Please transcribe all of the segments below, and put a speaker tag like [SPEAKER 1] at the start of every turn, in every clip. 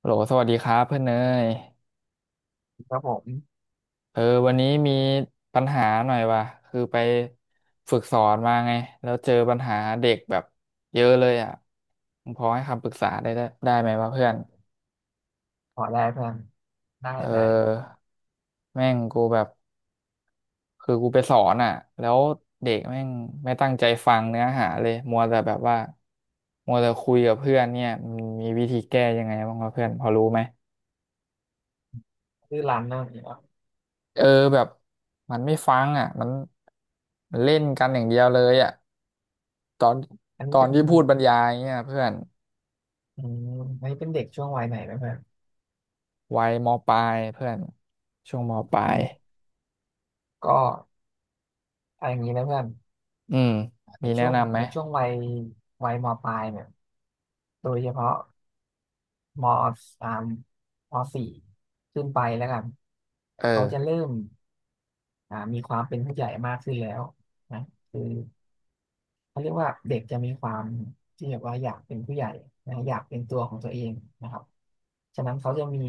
[SPEAKER 1] โหลสวัสดีครับเพื่อนเนย
[SPEAKER 2] ครับผม
[SPEAKER 1] เออวันนี้มีปัญหาหน่อยว่ะคือไปฝึกสอนมาไงแล้วเจอปัญหาเด็กแบบเยอะเลยอ่ะมึงพอให้คำปรึกษาได้ไหมวะเพื่อน
[SPEAKER 2] ขอได้เพื่อนได้
[SPEAKER 1] เ
[SPEAKER 2] ได้
[SPEAKER 1] ออแม่งกูแบบคือกูไปสอนอ่ะแล้วเด็กแม่งไม่ตั้งใจฟังเนื้อหาเลยมัวแต่แบบว่ามัวแต่คุยกับเพื่อนเนี่ยมันมีวิธีแก้ยังไงบ้างวะเพื่อนพอรู้ไหม
[SPEAKER 2] ชื่อร้านนั่นเหรอ
[SPEAKER 1] เออแบบมันไม่ฟังอ่ะมันเล่นกันอย่างเดียวเลยอ่ะตอน
[SPEAKER 2] อัน
[SPEAKER 1] ต
[SPEAKER 2] นี้
[SPEAKER 1] อน
[SPEAKER 2] เป็น
[SPEAKER 1] ที่พูดบรรยายเนี่ยเพื่อน
[SPEAKER 2] อืมอันนี้เป็นเด็กช่วงวัยไหนนะเพื่อน
[SPEAKER 1] วัยมปลายเพื่อนช่วงมปลา
[SPEAKER 2] อื
[SPEAKER 1] ย
[SPEAKER 2] มก็เอาอย่างนี้นะเพื่อน
[SPEAKER 1] อืม
[SPEAKER 2] ใน
[SPEAKER 1] มีแนะ
[SPEAKER 2] ช่วง
[SPEAKER 1] นำไหม
[SPEAKER 2] ในช่วงวัยวัยมปลายเนี่ยโดยเฉพาะมสามมสี่ขึ้นไปแล้วกัน
[SPEAKER 1] เออ
[SPEAKER 2] เขาจะเริ่มมีความเป็นผู้ใหญ่มากขึ้นแล้วนะคือ เขาเรียกว่าเด็กจะมีความที่แบบว่าอยากเป็นผู้ใหญ่นะอยากเป็นตัวของตัวเองนะครับฉะนั้นเขาจะมี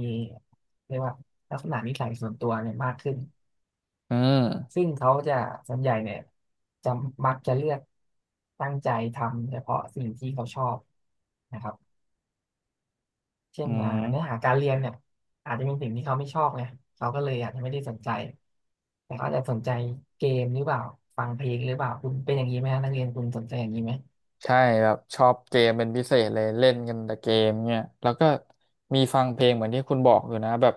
[SPEAKER 2] เรียกว่าลักษณะนิสัยส่วนตัวเนี่ยมากขึ้น
[SPEAKER 1] อืม
[SPEAKER 2] ซึ่งเขาจะส่วนใหญ่เนี่ยจะมักจะเลือกตั้งใจทำเฉพาะสิ่งที่เขาชอบนะครับเช่
[SPEAKER 1] อื
[SPEAKER 2] น
[SPEAKER 1] ม
[SPEAKER 2] เนื้อหาการเรียนเนี่ยอาจจะเป็นสิ่งที่เขาไม่ชอบไงเขาก็เลยอาจจะไม่ได้สนใจ แต่เขาอาจจะสนใจเกมหรือเปล่าฟังเพลงหรือเปล่าคุณเป็นอย่างนี้ไหมฮะนักเรียนคุณสนใจอย่างนี้ไหม
[SPEAKER 1] ใช่แบบชอบเกมเป็นพิเศษเลยเล่นกันแต่เกมเนี่ยแล้วก็มีฟังเพลงเหมือนที่คุณบอกอยู่นะแบบ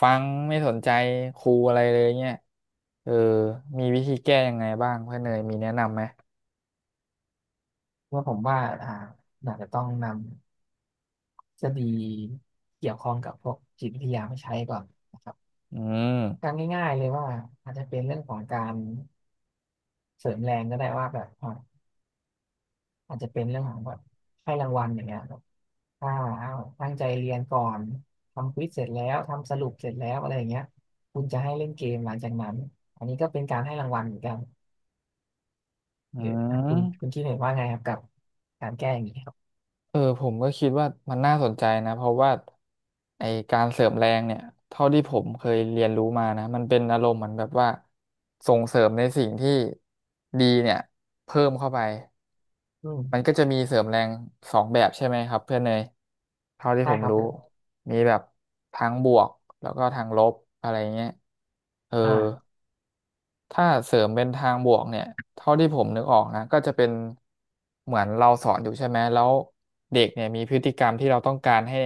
[SPEAKER 1] ฟังไม่สนใจครูอะไรเลยเนี่ยเออมีวิธีแก้ยังไงบ้างเพื่อนเนยมีแนะนำไหม
[SPEAKER 2] ว่าผมว่าอาจจะต้องนำทฤษฎีเกี่ยวข้องกับพวกจิตวิทยามาใช้ก่อนนะครับ
[SPEAKER 1] อืม
[SPEAKER 2] การง่ายๆเลยว่าอาจจะเป็นเรื่องของการเสริมแรงก็ได้ว่าแบบอาจจะเป็นเรื่องของแบบให้รางวัลอย่างเงี้ยแบบถ้าเอาตั้งใจเรียนก่อนทำควิซเสร็จแล้วทำสรุปเสร็จแล้วอะไรอย่างเงี้ยคุณจะให้เล่นเกมหลังจากนั้นอันนี้ก็เป็นการให้รางวัลเหมือนกัน
[SPEAKER 1] อื
[SPEAKER 2] หรือคุณคุ
[SPEAKER 1] ม
[SPEAKER 2] ณคิดเห็นว่าไงครับกับการแก้อย่างนี้ครับ
[SPEAKER 1] ผมก็คิดว่ามันน่าสนใจนะเพราะว่าไอการเสริมแรงเนี่ยเท่าที่ผมเคยเรียนรู้มานะมันเป็นอารมณ์เหมือนแบบว่าส่งเสริมในสิ่งที่ดีเนี่ยเพิ่มเข้าไป
[SPEAKER 2] อื
[SPEAKER 1] มันก็
[SPEAKER 2] ม
[SPEAKER 1] จะมีเสริมแรงสองแบบใช่ไหมครับเพื่อนเนยเท่าที่
[SPEAKER 2] ได้
[SPEAKER 1] ผม
[SPEAKER 2] ครับ
[SPEAKER 1] รู้
[SPEAKER 2] ผม
[SPEAKER 1] มีแบบทางบวกแล้วก็ทางลบอะไรเงี้ยเออ
[SPEAKER 2] อ่า
[SPEAKER 1] ถ้าเสริมเป็นทางบวกเนี่ยเท่าที่ผมนึกออกนะก็จะเป็นเหมือนเราสอนอยู่ใช่ไหมแล้วเด็กเนี่ยมีพฤติกรรมที่เราต้องการให้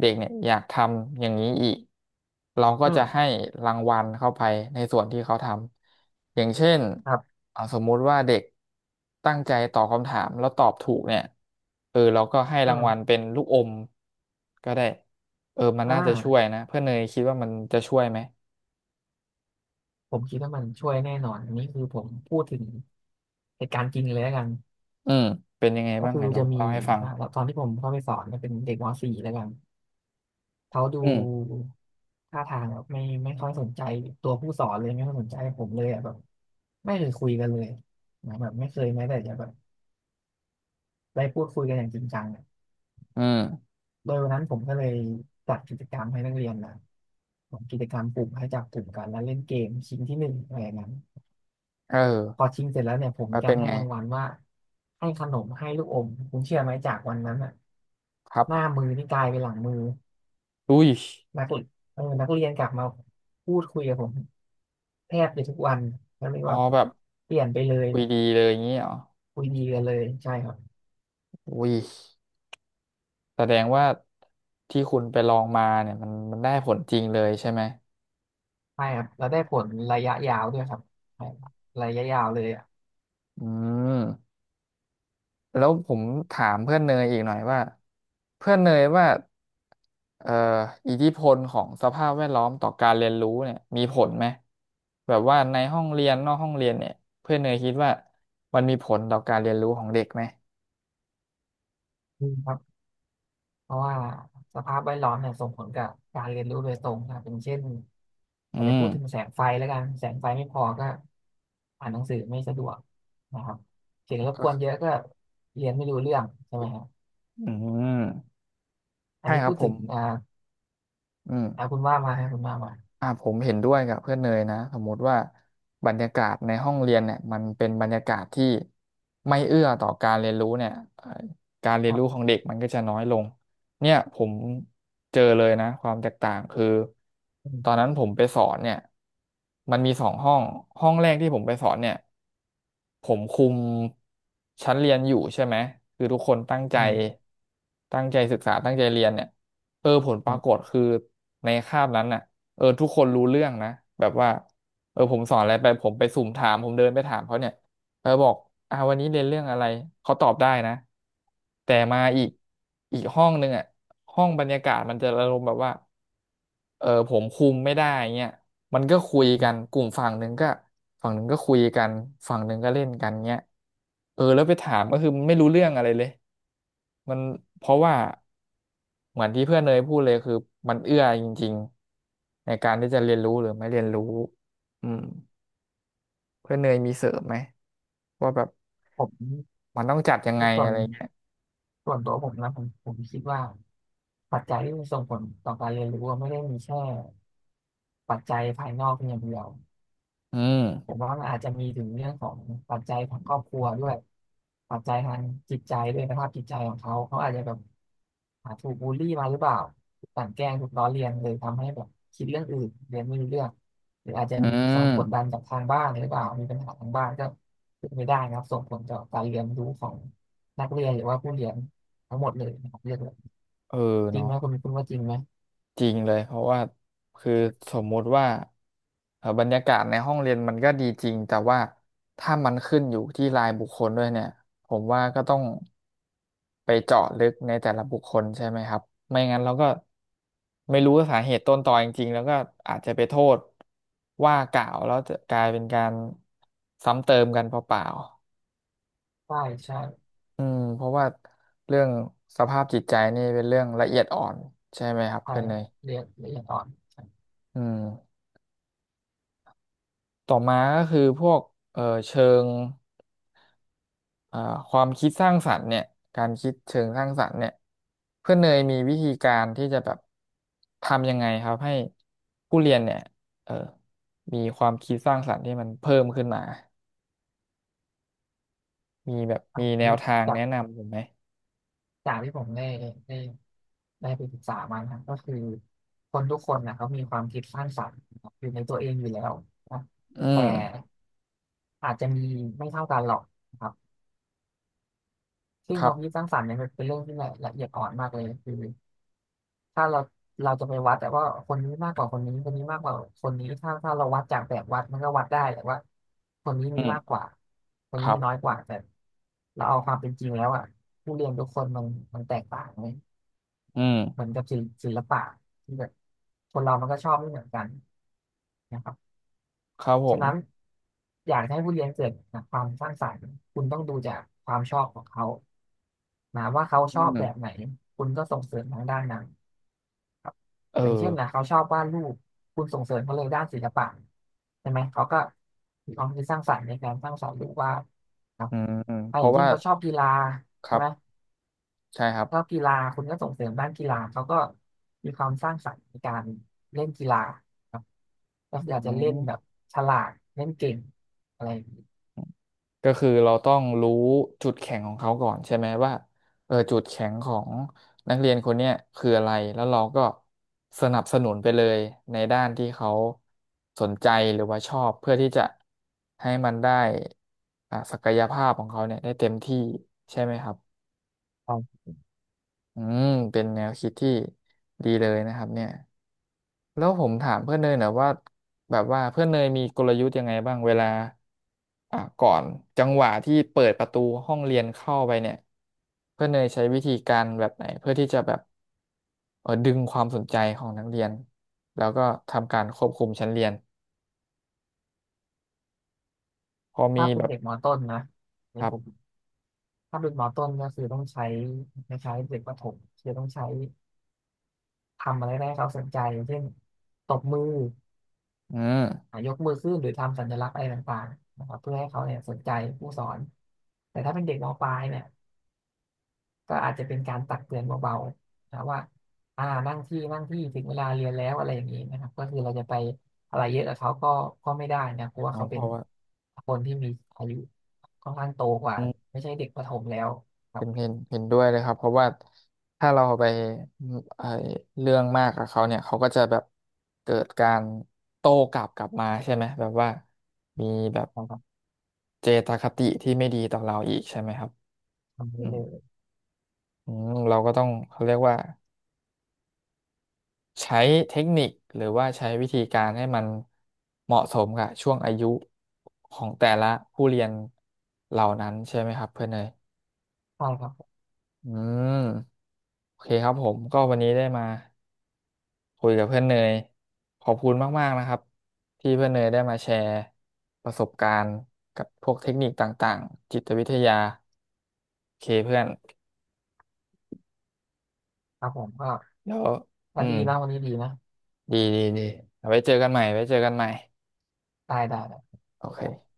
[SPEAKER 1] เด็กเนี่ยอยากทำอย่างนี้อีกเราก็
[SPEAKER 2] อื
[SPEAKER 1] จะให้
[SPEAKER 2] ม
[SPEAKER 1] รางวัลเข้าไปในส่วนที่เขาทำอย่างเช่น
[SPEAKER 2] ครับ
[SPEAKER 1] เอาสมมุติว่าเด็กตั้งใจตอบคำถามแล้วตอบถูกเนี่ยเราก็ให้
[SPEAKER 2] อื
[SPEAKER 1] รางวั
[SPEAKER 2] ม
[SPEAKER 1] ลเป็นลูกอมก็ได้มัน
[SPEAKER 2] อ่
[SPEAKER 1] น่าจะช่วย
[SPEAKER 2] า
[SPEAKER 1] นะเพื่อนเนยคิดว่ามันจะช่วยไหม
[SPEAKER 2] ผมคิดว่ามันช่วยแน่นอน อันนี้คือผมพูดถึงเหตุการณ์จริงเลยแล้วกัน
[SPEAKER 1] อืมเป็นยังไง
[SPEAKER 2] ก็
[SPEAKER 1] บ้าง
[SPEAKER 2] คื
[SPEAKER 1] ไห
[SPEAKER 2] อ
[SPEAKER 1] นลอ
[SPEAKER 2] จะ
[SPEAKER 1] ง
[SPEAKER 2] มี
[SPEAKER 1] เล่าให้ฟัง
[SPEAKER 2] อ่าตอนที่ผมเข้าไปสอนเนี่ยเป็นเด็กมสี่แล้วกันเขาดู
[SPEAKER 1] อืม
[SPEAKER 2] ท่าทางแบบไม่ค่อยสนใจตัวผู้สอนเลยไม่ค่อยสนใจผมเลยอ่ะแบบไม่เคยคุยกันเลยนะแบบไม่เคยแม้แต่จะแบบได้พูดคุยกันอย่างจริงจังอะ
[SPEAKER 1] อืม
[SPEAKER 2] โดยวันนั้นผมก็เลยจัดกิจกรรมให้นักเรียนนะผมกิจกรรมกลุ่มให้จับกลุ่มกันแล้วเล่นเกมชิงที่หนึ่งอะไรอย่างนั้น
[SPEAKER 1] เอ
[SPEAKER 2] พอ
[SPEAKER 1] อ
[SPEAKER 2] ชิงเสร็จแล้วเนี่ยผม
[SPEAKER 1] แล้
[SPEAKER 2] มี
[SPEAKER 1] ว
[SPEAKER 2] กา
[SPEAKER 1] เป็
[SPEAKER 2] ร
[SPEAKER 1] น
[SPEAKER 2] ให้
[SPEAKER 1] ไง
[SPEAKER 2] รางวัลว่าให้ขนมให้ลูกอมคุณเชื่อไหมจากวันนั้นอ่ะ
[SPEAKER 1] ครับ
[SPEAKER 2] หน้ามือนี่กลายเป็นหลังมือ
[SPEAKER 1] อุ้ย
[SPEAKER 2] นักเรียนเออนักเรียนกลับมาพูดคุยกับผมแทบจะทุกวันแล้วเรียก
[SPEAKER 1] อ๋อ
[SPEAKER 2] ว่า
[SPEAKER 1] แบบ
[SPEAKER 2] เปลี่ยนไปเลย
[SPEAKER 1] คุยดีเลยอย่างงี้เหรอ
[SPEAKER 2] คุยดีกันเลยใช่ครับ
[SPEAKER 1] อุ้ยแสดงว่าที่คุณไปลองมาเนี่ยมันได้ผลจริงเลยใช่ไหม
[SPEAKER 2] ใช่ครับแล้วได้ผลระยะยาวด้วยครับใช่ระยะยาวเลยอ่ะ
[SPEAKER 1] อืม แล้วผมถามเพื่อนเนยอีกหน่อยว่าเพื่อนเนยว่าเอ่ออิทธิพลของสภาพแวดล้อมต่อการเรียนรู้เนี่ยมีผลไหมแบบว่าในห้องเรียนนอกห้องเรียนเนี่ยเพื่อนเนยคิดว่ามันมีผลต่อการเรียนรู้ของเด็กไหม
[SPEAKER 2] อืมครับ เพราะว่าสภาพแวดล้อมเนี่ยส่งผลกับการเรียนรู้โดยตรงนะครับอย่างเช่น
[SPEAKER 1] อื
[SPEAKER 2] อาจจะ
[SPEAKER 1] ม
[SPEAKER 2] พูดถึงแสงไฟแล้วกันแสงไฟไม่พอก็อ่านหนังสือไม่สะดวกนะครับเสียงรบก
[SPEAKER 1] ก็
[SPEAKER 2] วนเยอะก็เรียนไม่รู้เรื่องใช่ไหมครับ
[SPEAKER 1] อืม
[SPEAKER 2] อัน
[SPEAKER 1] ใช่
[SPEAKER 2] นี้
[SPEAKER 1] ครั
[SPEAKER 2] พู
[SPEAKER 1] บ
[SPEAKER 2] ด
[SPEAKER 1] ผ
[SPEAKER 2] ถึง
[SPEAKER 1] มอืม
[SPEAKER 2] อ่าคุณว่ามาให้คุณว่ามา
[SPEAKER 1] ผมเห็นด้วยกับเพื่อนเนยนะสมมติว่าบรรยากาศในห้องเรียนเนี่ยมันเป็นบรรยากาศที่ไม่เอื้อต่อการเรียนรู้เนี่ยการเรี
[SPEAKER 2] ค
[SPEAKER 1] ยน
[SPEAKER 2] รั
[SPEAKER 1] รู้ขอ
[SPEAKER 2] บ
[SPEAKER 1] งเด็กมันก็จะน้อยลงเนี่ยผมเจอเลยนะความแตกต่างคือ
[SPEAKER 2] อื
[SPEAKER 1] ตอน
[SPEAKER 2] ม
[SPEAKER 1] นั้นผมไปสอนเนี่ยมันมีสองห้องห้องแรกที่ผมไปสอนเนี่ยผมคุมชั้นเรียนอยู่ใช่ไหมคือทุกคนตั้งใจ
[SPEAKER 2] อืม
[SPEAKER 1] ตั้งใจศึกษาตั้งใจเรียนเนี่ยผลป
[SPEAKER 2] ค
[SPEAKER 1] รา
[SPEAKER 2] รั
[SPEAKER 1] กฏ
[SPEAKER 2] บ
[SPEAKER 1] คือในคาบนั้นน่ะ ทุกคนรู้เรื่องนะแบบว่าผมสอนอะไรไปผมไปสุ่มถามผมเดินไปถามเขาเนี่ยบอกวันนี้เรียนเรื่องอะไรเขาตอบได้นะแต่มาอีกอีกห้องหนึงอ่ะห้องบรรยากาศมันจะอารมณ์แบบว่าผมคุมไม่ได้เงี้ย มันก็คุยกันกลุ่มฝั่งหนึ่งก็ฝั่งหนึ่งก็คุยกันฝั่งหนึ่งก็เล่นกันเงี้ยแล้วไปถามก็คือมันไม่รู้เรื่องอะไรเลยมันเพราะว่าเหมือนที่เพื่อนเนยพูดเลยคือมันเอื้อจริงๆในการที่จะเรียนรู้หรือไม่เรียนรู้อืมเพื่อนเนยมีเสริมไหมว่าแบบ
[SPEAKER 2] ผม
[SPEAKER 1] มันต้องจัดยัง
[SPEAKER 2] ใน
[SPEAKER 1] ไง
[SPEAKER 2] ส่ว
[SPEAKER 1] อะ
[SPEAKER 2] น
[SPEAKER 1] ไรเงี้ย
[SPEAKER 2] ส่วนตัวผมนะผมคิดว่าปัจจัยที่มันส่งผลต่อการเรียนรู้อะไม่ได้มีแค่ปัจจัยภายนอกเพียงอย่างเดียว
[SPEAKER 1] อื
[SPEAKER 2] ผม
[SPEAKER 1] ม
[SPEAKER 2] ว่ามันอาจจะมีถึงเรื่องของปัจจัยของครอบครัวด้วยปัจจัยทางจิตใจด้วยสภาพจิตใจของเขาเขาอาจจะแบบอาถูกบูลลี่มาหรือเปล่าถูกกลั่นแกล้งถูกล้อเลียนเลยทำให้แบบคิดเรื่องอื่นเรียนไม่รู้เรื่องหรืออาจจะ
[SPEAKER 1] อื
[SPEAKER 2] มีการ
[SPEAKER 1] ม
[SPEAKER 2] กดดันจากทางบ้านหรือเปล่ามีปัญหาทางบ้านก็เป็นไปได้นะครับส่งผลต่อการเรียนรู้ของนักเรียนหรือว่าผู้เรียนทั้งหมดเลยนะครับเรียกเลย
[SPEAKER 1] เออ
[SPEAKER 2] จริง
[SPEAKER 1] เนาะ
[SPEAKER 2] ไหมคุณว่าจริงไหม
[SPEAKER 1] จริงเลยเพราะว่าคือสมมุติว่าบรรยากาศในห้องเรียนมันก็ดีจริงแต่ว่าถ้ามันขึ้นอยู่ที่รายบุคคลด้วยเนี่ยผมว่าก็ต้องไปเจาะลึกในแต่ละบุคคลใช่ไหมครับไม่งั้นเราก็ไม่รู้สาเหตุต้นตอจริงๆแล้วก็อาจจะไปโทษว่ากล่าวแล้วจะกลายเป็นการซ้ำเติมกันเปล่า
[SPEAKER 2] ใช่ใช่
[SPEAKER 1] ๆอืมเพราะว่าเรื่องสภาพจิตใจนี่เป็นเรื่องละเอียดอ่อนใช่ไหมครับ
[SPEAKER 2] ใช่
[SPEAKER 1] เพื่อนเนย
[SPEAKER 2] เรียนละเอียดอ่อนใช่
[SPEAKER 1] อืม ต่อมาก็คือพวกเอ่อเชิงอ่าความคิดสร้างสรรค์เนี่ยการคิดเชิงสร้างสรรค์เนี่ยเพื่อนเนยมีวิธีการที่จะแบบทำยังไงครับให้ผู้เรียนเนี่ยเอ่อมีความคิดสร้างสรรค์ที่มันเพิ่มขึ้นมามีแบบ
[SPEAKER 2] อั
[SPEAKER 1] มี
[SPEAKER 2] น
[SPEAKER 1] แนว
[SPEAKER 2] นี้
[SPEAKER 1] ทาง
[SPEAKER 2] จา
[SPEAKER 1] แนะ
[SPEAKER 2] ก
[SPEAKER 1] นำผมไหม
[SPEAKER 2] จากที่ผมได้ได้ได้ไปศึกษามานะครับก็คือคนทุกคนนะเขามีความคิดสร้างสรรค์นะครับอยู่ในตัวเองอยู่แล้วนะ
[SPEAKER 1] อื
[SPEAKER 2] แต่
[SPEAKER 1] ม
[SPEAKER 2] อาจจะมีไม่เท่ากันหรอกนะครับซึ่
[SPEAKER 1] ค
[SPEAKER 2] งค
[SPEAKER 1] รั
[SPEAKER 2] วามคิด
[SPEAKER 1] บ
[SPEAKER 2] สร้างสรรค์เนี่ยมันเป็นเรื่องที่ละเอียดอ่อนมากเลยคือถ้าเราเราจะไปวัดแต่ว่าคนนี้มากกว่าคนนี้คนนี้มากกว่าคนนี้ถ้าเราวัดจากแบบวัดมันก็วัดได้แต่ว่าคนนี้
[SPEAKER 1] อื
[SPEAKER 2] มี
[SPEAKER 1] ม
[SPEAKER 2] มากกว่าคน
[SPEAKER 1] ค
[SPEAKER 2] นี้
[SPEAKER 1] รั
[SPEAKER 2] มีน้อยก
[SPEAKER 1] บ
[SPEAKER 2] ว่าแต่เราเอาความเป็นจริงแล้วอ่ะผู้เรียนทุกคนมันแตกต่างไห
[SPEAKER 1] อื
[SPEAKER 2] เหมือ
[SPEAKER 1] ม
[SPEAKER 2] นกับศิลป์ศิลปะที่แบบคนเรามันก็ชอบไม่เหมือนกันนะครับ
[SPEAKER 1] ครับผ
[SPEAKER 2] ฉะ
[SPEAKER 1] ม
[SPEAKER 2] นั้นอยากให้ผู้เรียนเกิดความสร้างสรรค์คุณต้องดูจากความชอบของเขานะว่าเขา
[SPEAKER 1] อื
[SPEAKER 2] ชอบแบบไหน
[SPEAKER 1] ม
[SPEAKER 2] คุณก็ส่งเสริมทางด้านนั้นครับ
[SPEAKER 1] เอ
[SPEAKER 2] อย่าง
[SPEAKER 1] อ
[SPEAKER 2] เช่นนะเขาชอบวาดรูปคุณส่งเสริมเขาเลยด้านศิลปะใช่ไหมเขาก็มีความคิดสร้างสรรค์ในการสร้างสรรค์รูปวาดครับ
[SPEAKER 1] อืม
[SPEAKER 2] อ่ะ
[SPEAKER 1] เพ
[SPEAKER 2] อย่า
[SPEAKER 1] ราะ
[SPEAKER 2] งเช่
[SPEAKER 1] ว่า
[SPEAKER 2] นเขาชอบกีฬา
[SPEAKER 1] ค
[SPEAKER 2] ใช่
[SPEAKER 1] รับ
[SPEAKER 2] ไหม
[SPEAKER 1] ใช่ครับ
[SPEAKER 2] ชอบกีฬาคุณก็ส่งเสริมด้านกีฬาเขาก็มีความสร้างสรรค์ในการเล่นกีฬาครับก็
[SPEAKER 1] อื
[SPEAKER 2] คืออาจจะเล่นแบบ
[SPEAKER 1] ม
[SPEAKER 2] ฉลาดเล่นเก่งอะไรอย่างนี้
[SPEAKER 1] ก็คือเราต้องรู้จุดแข็งของเขาก่อนใช่ไหมว่าจุดแข็งของนักเรียนคนเนี้ยคืออะไรแล้วเราก็สนับสนุนไปเลยในด้านที่เขาสนใจหรือว่าชอบเพื่อที่จะให้มันได้ศักยภาพของเขาเนี่ยได้เต็มที่ใช่ไหมครับ
[SPEAKER 2] ครับ
[SPEAKER 1] อืมเป็นแนวคิดที่ดีเลยนะครับเนี่ย แล้วผมถามเพื่อนเนยหนะว่าแบบว่าเพื่อนเนยมีกลยุทธ์ยังไงบ้างเวลาก่อนจังหวะที่เปิดประตูห้องเรียนเข้าไปเนี่ยเพื่อนเนยใช้วิธีการแบบไหนเพื่อที่จะแบบดึงความสนใจของนักเรียนแล้วก็ทำการควบคุมชั้นเรียนพอมี
[SPEAKER 2] ถ้าเป็
[SPEAKER 1] แบ
[SPEAKER 2] น
[SPEAKER 1] บ
[SPEAKER 2] เด็กมต้นนะใน
[SPEAKER 1] ครั
[SPEAKER 2] ผ
[SPEAKER 1] บ
[SPEAKER 2] มถ้าเป็นมต้นก็คือต้องใช้คล้ายๆเด็กประถมคือต้องใช้ทำอะไรได้ให้เขาสนใจอย่างเช่นตบมือ
[SPEAKER 1] อื
[SPEAKER 2] อ่ะ
[SPEAKER 1] ม
[SPEAKER 2] ยกมือขึ้นหรือทำสัญลักษณ์อะไรต่างๆนะครับเพื่อให้เขาเนี่ยสนใจผู้สอนแต่ถ้าเป็นเด็กมปลายเนี่ย ก็อาจจะเป็นการตักเตือนเบาๆนะว่าอ่านั่งที่นั่งที่ถึงเวลาเรียนแล้วอะไรอย่างนี้นะครับก็คือเราจะไปอะไรเยอะกับเขาก็ไม่ได้นะเพราะว่า
[SPEAKER 1] น้อ
[SPEAKER 2] เขา
[SPEAKER 1] งพ
[SPEAKER 2] เป็
[SPEAKER 1] อ
[SPEAKER 2] น
[SPEAKER 1] ว่า
[SPEAKER 2] คนที่มีอายุค่อนข้างโตกว่าไม่ใช่เด็กประถมแล้วครั
[SPEAKER 1] เห็
[SPEAKER 2] บ
[SPEAKER 1] นเห็นเห็นด้วยเลยครับเพราะว่าถ้าเราไปไอเรื่องมากกับเขาเนี่ยเขาก็จะแบบเกิดการโต้กลับมาใช่ไหมแบบว่ามีแบบ
[SPEAKER 2] ครับ
[SPEAKER 1] เจตคติที่ไม่ดีต่อเราอีกใช่ไหมครับ
[SPEAKER 2] ทำ
[SPEAKER 1] อื
[SPEAKER 2] ได้
[SPEAKER 1] ม
[SPEAKER 2] เลย
[SPEAKER 1] อืมเราก็ต้องเขาเรียกว่าใช้เทคนิคหรือว่าใช้วิธีการให้มันเหมาะสมกับช่วงอายุของแต่ละผู้เรียนเหล่านั้นใช่ไหมครับเพื่อนเนย
[SPEAKER 2] ใช่ครับ
[SPEAKER 1] อืมโอเคครับผมก็วันนี้ได้มา คุยกับเพื่อนเนยขอบคุณมากๆนะครับที่เพื่อนเนยได้มาแชร์ประสบการณ์กับพวกเทคนิคต่างๆจิตวิทยาโอเคเพื่อน
[SPEAKER 2] ครับผมก็
[SPEAKER 1] แล้ว
[SPEAKER 2] ก็
[SPEAKER 1] อื
[SPEAKER 2] ดี
[SPEAKER 1] ม
[SPEAKER 2] นะวันนี้ดีนะ
[SPEAKER 1] ดีเอาไว้เจอกันใหม่ไว้เจอกันใหม่
[SPEAKER 2] ได้ได้ได
[SPEAKER 1] โอเค
[SPEAKER 2] ้